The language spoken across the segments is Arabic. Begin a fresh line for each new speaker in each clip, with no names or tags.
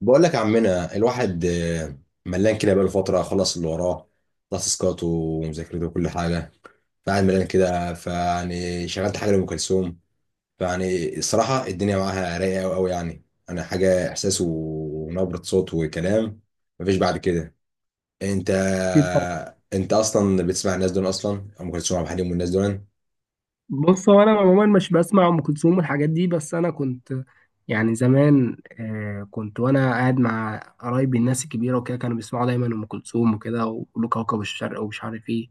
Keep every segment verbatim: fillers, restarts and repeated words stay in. بقول لك يا عمنا الواحد، آه، ملان كده بقاله فترة، خلص اللي وراه، خلص تاسكاته ومذاكرته وكل حاجة، فقاعد ملان كده. فيعني شغلت حاجة لأم كلثوم. فيعني الصراحة الدنيا معاها رايقة أوي أوي، يعني أنا حاجة، إحساس ونبرة صوت وكلام، مفيش بعد كده. أنت
أكيد طبعا.
أنت أصلا بتسمع الناس دول؟ أصلا أم كلثوم، عبد الحليم والناس دول.
بص، هو أنا عموما مش بسمع أم كلثوم والحاجات دي، بس أنا كنت يعني زمان آه كنت وأنا قاعد مع قرايبي الناس الكبيرة وكده، كانوا بيسمعوا دايما أم كلثوم وكده، ويقولوا كوكب الشرق ومش عارف إيه.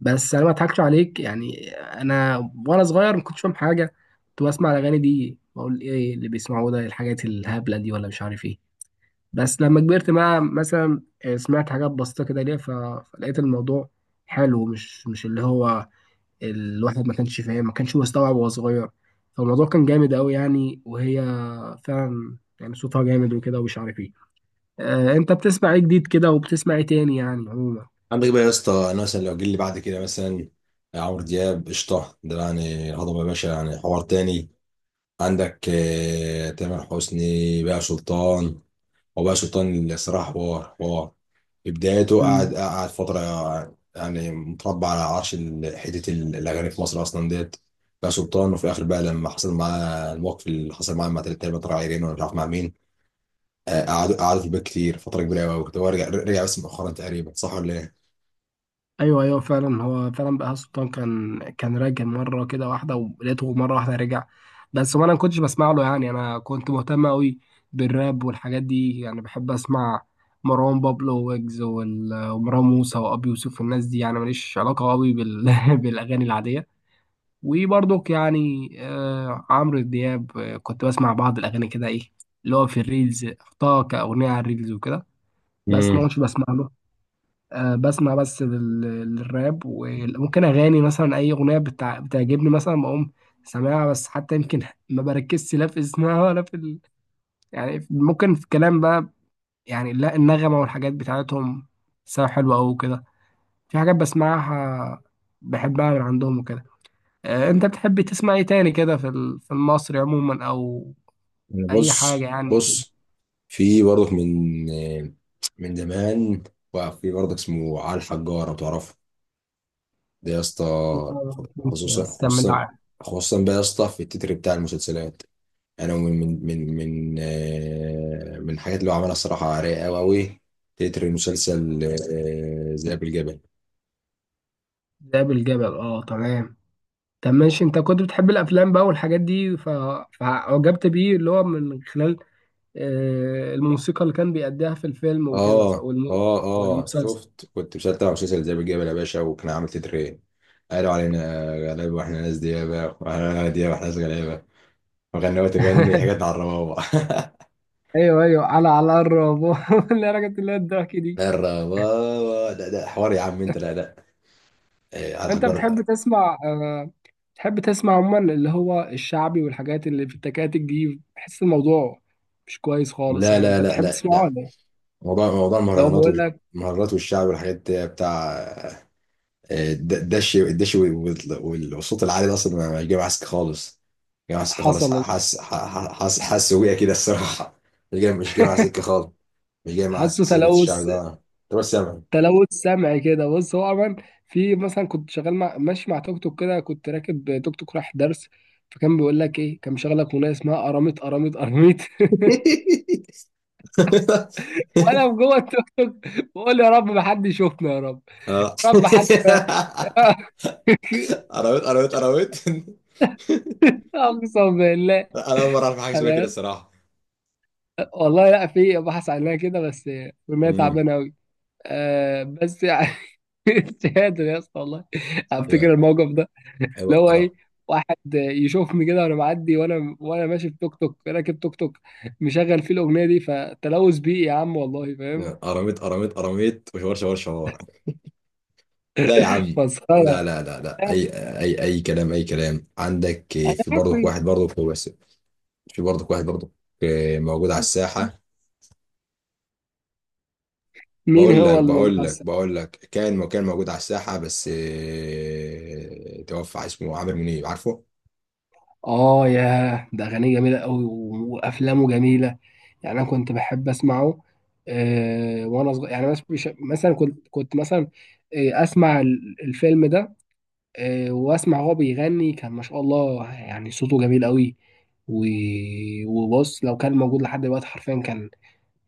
بس أنا ما أضحكش عليك، يعني أنا وأنا صغير ما كنتش فاهم حاجة، كنت بسمع الأغاني دي بقول إيه اللي بيسمعوه ده، الحاجات الهبلة دي ولا مش عارف إيه. بس لما كبرت بقى مثلا آه، سمعت حاجات بسيطة كده ليها، ف- فلقيت الموضوع حلو، مش مش اللي هو الواحد ما كانش فاهم، ما كانش مستوعب وهو صغير. فالموضوع كان جامد قوي يعني، وهي فعلا يعني صوتها جامد وكده ومش عارف ايه. آه انت بتسمع ايه جديد كده، وبتسمع ايه تاني يعني عموما؟
عندك بقى يا اسطى، أنا مثلا لو جيلي بعد كده، مثلا عمرو دياب، قشطة ده يعني، هضبة يا باشا، يعني حوار تاني. عندك آه، تامر حسني بقى سلطان. هو بقى سلطان اللي صراحة، حوار حوار. في بدايته قعد
مم.
قعد فترة، يعني متربع على عرش ال- حتة ال- الأغاني في مصر أصلا ديت. بقى سلطان، وفي الآخر بقى لما حصل معاه الموقف اللي حصل معاه مع تلات تقريبا، طلع عيرين ولا مش عارف مع مين. آه، قعدوا قعدوا في البيت كتير، فترة كبيرة أوي كنت. هو رجع رجع بس مؤخرا تقريبا، صح ولا إيه؟
ايوه ايوه فعلا، هو فعلا بقى سلطان كان كان راجع مره كده واحده، ولقيته مره واحده رجع بس. وانا ما كنتش بسمع له، يعني انا كنت مهتم قوي بالراب والحاجات دي، يعني بحب اسمع مروان بابلو ويجز وال- ومروان موسى وابي يوسف والناس دي، يعني ماليش علاقه قوي بال... بالاغاني العاديه. وبرضك يعني آه عمرو دياب، آه كنت بسمع بعض الأغاني كده، إيه اللي هو في الريلز حطها كأغنية على الريلز وكده. بس
امم.
ما كنتش بسمع له، آه بسمع بس لل- للراب، وممكن أغاني مثلا، أي أغنية بتع... بتعجبني مثلا بقوم سامعها، بس حتى يمكن ما بركزش لا في اسمها ولا في ال... يعني ممكن في الكلام بقى، يعني لا النغمة والحاجات بتاعتهم سواء حلوة أو كده، في حاجات بسمعها بحبها من عندهم وكده. آه، انت بتحب تسمع ايه تاني كده في ال- في المصري عموما او اي حاجه
بص
يعني؟
بص، في برضك من آه، من زمان، وفي برضك اسمه علي الحجار لو تعرفه، ده يا اسطى، خصوصا
بس كمل
خصوصا،
عادي.
خصوصا بقى يا اسطى في التتر بتاع المسلسلات. انا من من من من آه، من الحاجات اللي هو عملها، الصراحه رايقه قوي قوي. تتر مسلسل آه، ذئاب الجبل.
ذئاب الجبل، اه تمام. طب ماشي، انت كنت بتحب الافلام بقى والحاجات دي ف... فعجبت بيه، اللي هو من خلال آه، الموسيقى اللي كان بيأديها في الفيلم وكده صح؟
اه
والم...
اه اه،
والمسلسل.
شفت كنت مسلسل تبع مسلسل ذئاب الجبل يا باشا، وكان عامل تتر ايه؟ قالوا علينا غلابه واحنا ناس ديابه، واحنا ديابه واحنا ناس غلابه، وغنوه تغني حاجات على الربابه.
ايوه ايوه، على على الربو اللي رجعت اللي هي الضحك دي.
الربابه، لا لا، حوار يا عم انت، لا لا، إيه، على
انت بتحب
الحجر.
تسمع آه، بتحب تسمع عموما اللي هو الشعبي والحاجات اللي في التكاتك دي، بحس الموضوع مش كويس خالص
لا
يعني،
لا
انت
لا
بتحب
لا
تسمعه ولا
لا،
ايه؟
موضوع موضوع
لو
المهرجانات،
بقول لك.
والمهرجانات والشعب والحاجات دي، بتاع آه، الد- الدش الدش وال- وال- والصوت العالي ده، اصلا ما جاي معسك خالص. جاي معسك
حصل
خالص،
والله،
حاسس حاسس حاسس بيها كده الصراحه. مش جاي مش جاي مع سكه خالص، مش جاي مع
حاسه
سكه
تلوث
الشعب ده. طب سامع.
تلوث سمعي كده. بص هو عموما، في مثلا، كنت شغال مع، ماشي مع توك توك كده، كنت راكب توك توك رايح درس، فكان بيقول لك ايه، كان مشغل لك اغنيه اسمها قراميط قراميط قراميط وانا في جوه التوك توك بقول يا رب ما حد يشوفنا، يا رب
اه.
يا رب حد
قرويت قرويت قرويت.
اقسم بالله،
انا اول مره اعرف حاجه اسمها
انا
كده
يس-
الصراحه.
والله لا في بحث عنها كده، بس بما
امم.
تعبانه قوي. أه بس يعني مش قادر يا اسطى والله،
ايوه
افتكر الموقف ده،
ايوه،
اللي هو ايه،
قرا-
واحد يشوفني كده وانا معدي، وانا وانا ماشي في توك توك راكب توك توك مشغل فيه الاغنيه دي، فتلوث بيئي يا عم، والله فاهم.
قراميط قراميط قراميط، وشوار شوار شوار. لا يا عم، لا
مسخره.
لا لا لا، اي اي اي كلام، اي كلام. عندك آه،
انا
في
عارف.
برضك واحد برضك، هو بس. في برضك واحد برضك، آه، موجود على الساحه.
مين
بقول
هو
لك
الموجود؟
بقول لك بقول لك كان كان موجود على الساحه بس، آه، توفى، اسمه عامر منيب، عارفه؟
اه ياه، ده اغانيه جميله قوي وافلامه جميله، يعني انا كنت بحب اسمعه آه وانا صغير يعني، مش مش- مثلا كنت كنت مثلا آه اسمع ال- الفيلم ده، آه واسمع هو بيغني، كان ما شاء الله يعني صوته جميل قوي. و- وبص، لو كان موجود لحد دلوقتي حرفيا، كان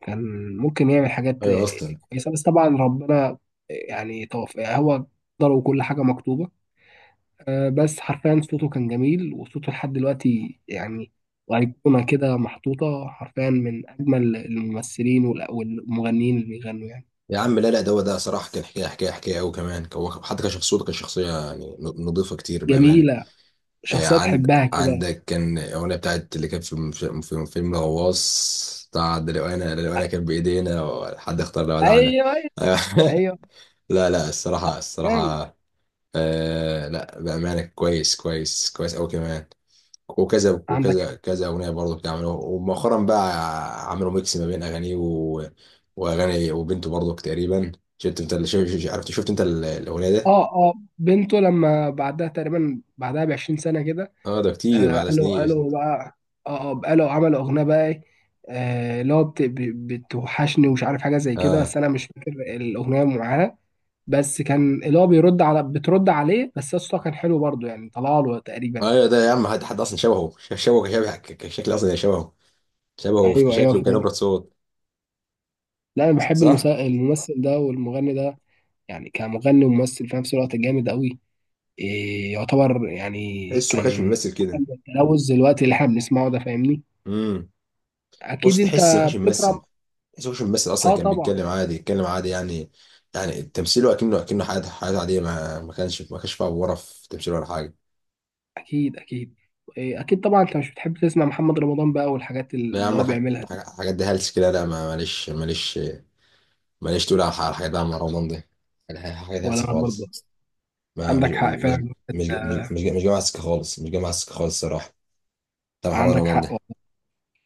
كان ممكن يعمل حاجات
ايوه
آه،
اصلا.
كويسه، بس طبعا ربنا آه، يعني توفى هو، قدره وكل حاجه مكتوبه. آه، بس حرفيا صوته كان جميل، وصوته لحد دلوقتي يعني وأيقونة كده محطوطة حرفيا، من أجمل الممثلين والأ- والمغنيين اللي بيغنوا يعني.
يا عم لا لا، ده هو ده صراحه، كان حكايه حكايه حكايه قوي كمان. هو حتى كشخصيته، كشخصيه يعني، نظيفه كتير بامانه.
جميلة،
آه،
شخصية
عند
تحبها كده.
عندك كان الأغنية بتاعت، اللي كانت في المف- في فيلم الغواص بتاع ده، لو أنا لو أنا كان بإيدينا، حد اختار لو ودعنا،
أيوه أيوه
آه،
أيوه،
لا لا، الصراحة
كان
الصراحة، آه لا بأمانة كويس كويس كويس أوي كمان. وكذا
عندك
وكذا
حق.
كذا أغنية برضه بتعملوا، ومؤخرا بقى عملوا ميكس ما بين أغانيه و- وأغاني وبنته برضه تقريبا. شفت أنت اللي شفت عرفت شفت أنت ال- الأغنية ده؟
أه أه، بنته لما بعدها تقريبا، بعدها بعشرين سنة كده.
أه ده كتير
آه
بعد
قالوا
سنين.
قالوا بقى، أه أه قالوا عملوا أغنية بقى إيه، آه، اللي هو بت- بت- بتوحشني ومش عارف حاجة زي كده،
اه
بس أنا مش فاكر الأغنية معاها. بس كان اللي هو بيرد على بترد عليه، بس يا اسطى كان حلو برضه يعني، طلع له تقريبا
ايوه،
يعني.
ده يا عم، حد حد اصلا شبهه، ش- شبهه كشبه، ك- كشكل اصلا يعني، شبهه شبهه في
ايوه ايوه
كشكله وكنبره
فعلا.
صوت،
لا انا بحب
صح؟
المسا... الممثل ده والمغني ده، يعني كمغني وممثل في نفس الوقت جامد قوي، إيه يعتبر يعني،
تحسه ما كانش
كان
بيمثل كده.
تلوث دلوقتي اللي احنا بنسمعه ده، فاهمني؟
امم بص،
اكيد انت
تحس ما كانش بيمثل.
بتكرم.
تحسه ما كانش بيمثل اصلا،
اه
كان
طبعا.
بيتكلم عادي، يتكلم عادي يعني. يعني تمثيله اكنه اكنه حياته، حياته عاديه، ما ما كانش ما كانش فيها ورا في تمثيله ولا حاجه.
اكيد اكيد. إيه اكيد طبعا، انت مش بتحب تسمع محمد رمضان بقى والحاجات
لا يا
اللي
عم،
هو
الح-
بيعملها
الح-
دي؟
الحاجات دي هلس كده. لا ما- ماليش ماليش ماليش تقول على الح- الحاجات دي، عم رمضان دي، الح- الحاجات
ولا
هلس
انا برضه،
خالص. ما مش
عندك حق
مش
فعلا.
مش مش مش جاي مع السكه خالص، مش جاي مع السكه خالص الصراحه، بتاع محمد
عندك
رمضان
حق،
ده.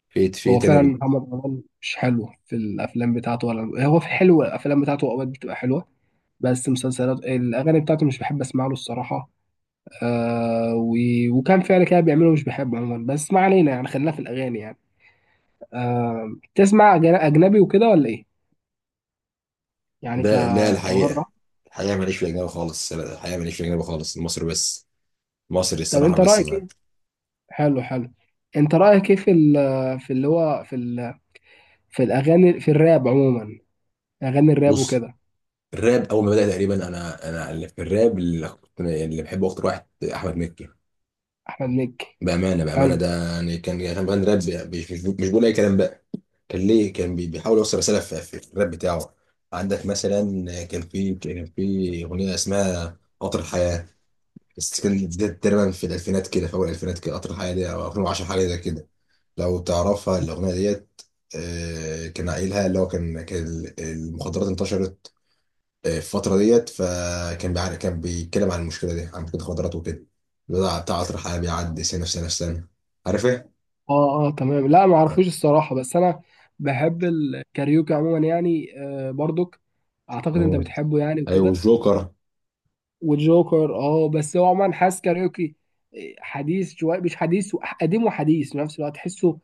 فيت
هو
فيت انا
فعلا
بت...
محمد رمضان مش حلو في الافلام بتاعته، ولا هو في حلو، الافلام بتاعته اوقات بتبقى حلوه، بس مسلسلات الاغاني بتاعته مش بحب اسمع له الصراحه. آه و... وكان فعلا كده بيعمله، مش بحبه عموما، بس ما علينا يعني، خلينا في الاغاني يعني. آه تسمع أجن- اجنبي وكده ولا ايه، يعني ك
ده لا، الحقيقه،
كبره؟
الحقيقه ماليش في الاجنبي خالص، الحقيقه ماليش في الاجنبي خالص، المصري بس، مصري
طب
الصراحه
انت
بس.
رايك
ما
ايه، حلو حلو، انت رايك ايه في ال... في اللي هو في ال... في الاغاني، في الراب عموما، اغاني الراب
بص،
وكده؟
الراب اول ما بدا تقريبا، انا انا اللي في الراب، اللي كنت- اللي بحبه اكتر واحد، احمد مكي
احمد مكي،
بامانه. بامانه
حلو،
ده يعني كان، يعني كان بيغني راب، مش مش مش بيقول اي كلام بقى. كان ليه، كان بي- بيحاول يوصل رساله في في الراب بتاعه. عندك مثلا، كان في كان في اغنيه اسمها قطر الحياه، بس كانت دي تقريبا في الالفينات كده، في اول الالفينات كده، قطر الحياه دي او ألفين وعشرة، حاجه زي كده، لو تعرفها الأغنية ديت. آه، كان قايلها، اللي هو كان، كان ال- المخدرات انتشرت آه، في الفترة ديت. فكان بيع- كان بيتكلم عن المشكلة دي، عن مشكلة المخدرات وكده، بتاع بتاع عطر حياة بيعدي سنة في سنة في سنة، عارف ايه؟
اه اه تمام، لا ما اعرفوش الصراحه، بس انا بحب الكاريوكي عموما يعني، آه برضك اعتقد انت
مم.
بتحبه يعني
ايوه
وكده.
الجوكر.
وجوكر، اه، بس هو عموما حاسس كاريوكي آه، حديث شويه، مش حديث، قديم وحديث في نفس الوقت، تحسه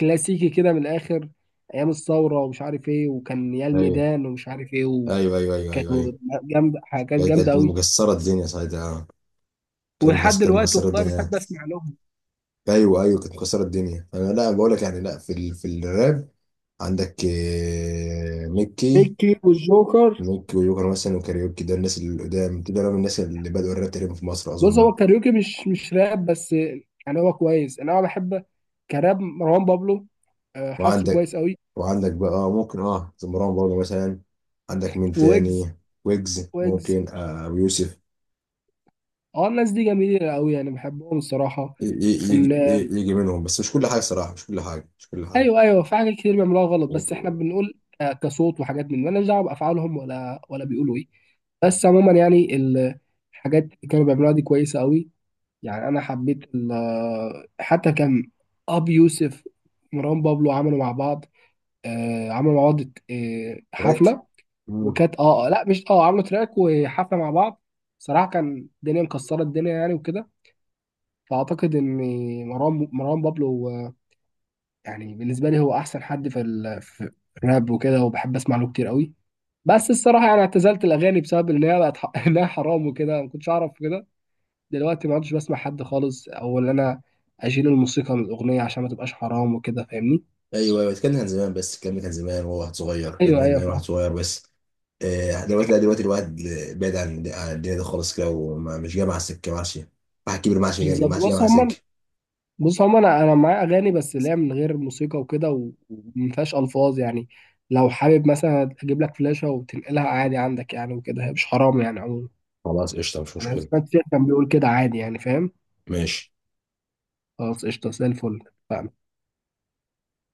كلاسيكي كده من الاخر، ايام الثوره ومش عارف ايه، وكان يا
ايوه
الميدان ومش عارف ايه.
ايوه ايوه ايوه ايوه ايوه،
وجامده حاجات
هي
جامده
كانت
قوي.
مكسرة الدنيا ساعتها، كانت
ولحد
مكسرة، كانت
دلوقتي
مكسرة
والله
الدنيا.
بحب اسمع لهم،
ايوه ايوه، كانت مكسرة الدنيا. انا لا بقول لك يعني، لا في ال... في الراب. عندك آه، ميكي،
ميكي والجوكر.
ممكن ويوكر مثلا، وكاريوكي، ده الناس اللي قدام دول من الناس اللي بدأوا الراب تقريبا في مصر
بص، هو
أظن.
الكاريوكي مش مش راب بس، يعني هو كويس، انا بحب كراب مروان بابلو، آه، حاسه
وعندك
كويس قوي.
وعندك بقى آه، ممكن اه مروان بابلو مثلا. عندك مين
ويجز.
تاني؟ ويجز،
ويجز
ممكن آه ويوسف.
اه، الناس دي جميله قوي يعني، بحبهم الصراحه.
ي- ي- يجي
ال-
ي- يجي منهم، بس مش كل حاجة صراحة، مش كل حاجة، مش كل حاجة.
ايوه ايوه، في حاجات كتير بيعملوها غلط، بس احنا بنقول آه، كصوت وحاجات، من مالناش دعوه بافعالهم ولا ولا بيقولوا ايه، بس عموما يعني ال- الحاجات اللي كانوا بيعملوها دي كويسه قوي، يعني انا حبيت ال- آه، حتى كان ابي يوسف مروان بابلو عملوا مع بعض، آه، عملوا مع بعض آه،
راك.
حفله، وكانت اه آه، لا مش اه عملوا تراك وحفله مع بعض. صراحه كان الدنيا مكسره الدنيا يعني وكده. فاعتقد ان مروان مروان بابلو آه، يعني بالنسبه لي هو احسن حد في ال- في الراب وكده، وبحب اسمع له كتير قوي. بس الصراحه يعني اعتزلت الاغاني بسبب ان هي بقت ح- انها حرام وكده، ما كنتش اعرف كده. دلوقتي ما عدتش بسمع حد خالص، او ان انا اشيل الموسيقى من الاغنيه عشان ما تبقاش حرام وكده، فاهمني؟
ايوه ايوه، الكلام ده كان زمان، بس الكلام ده كان زمان وهو واحد صغير، الكلام ده
ايوه
كان
ايوه
زمان واحد
فاهم.
صغير بس. آه، دلوقتي لا، دلوقتي الواحد بعيد عن عن الدنيا دي خالص كده، ومش جاي مع السكه، ما عادش واحد كبير، ما عادش جاي،
بالظبط.
ما عادش جاي
بص
مع السكه.
هم بص هو انا انا معايا اغاني، بس اللي هي من غير موسيقى وكده، و- وما فيهاش الفاظ يعني، لو حابب مثلا اجيب لك فلاشه وتنقلها عادي عندك يعني وكده، هي مش حرام يعني عموما،
خلاص قشطة، مش
انا
مشكلة.
سمعت شيخ كان بيقول كده عادي يعني فاهم.
ماشي.
خلاص قشطه زي الفل.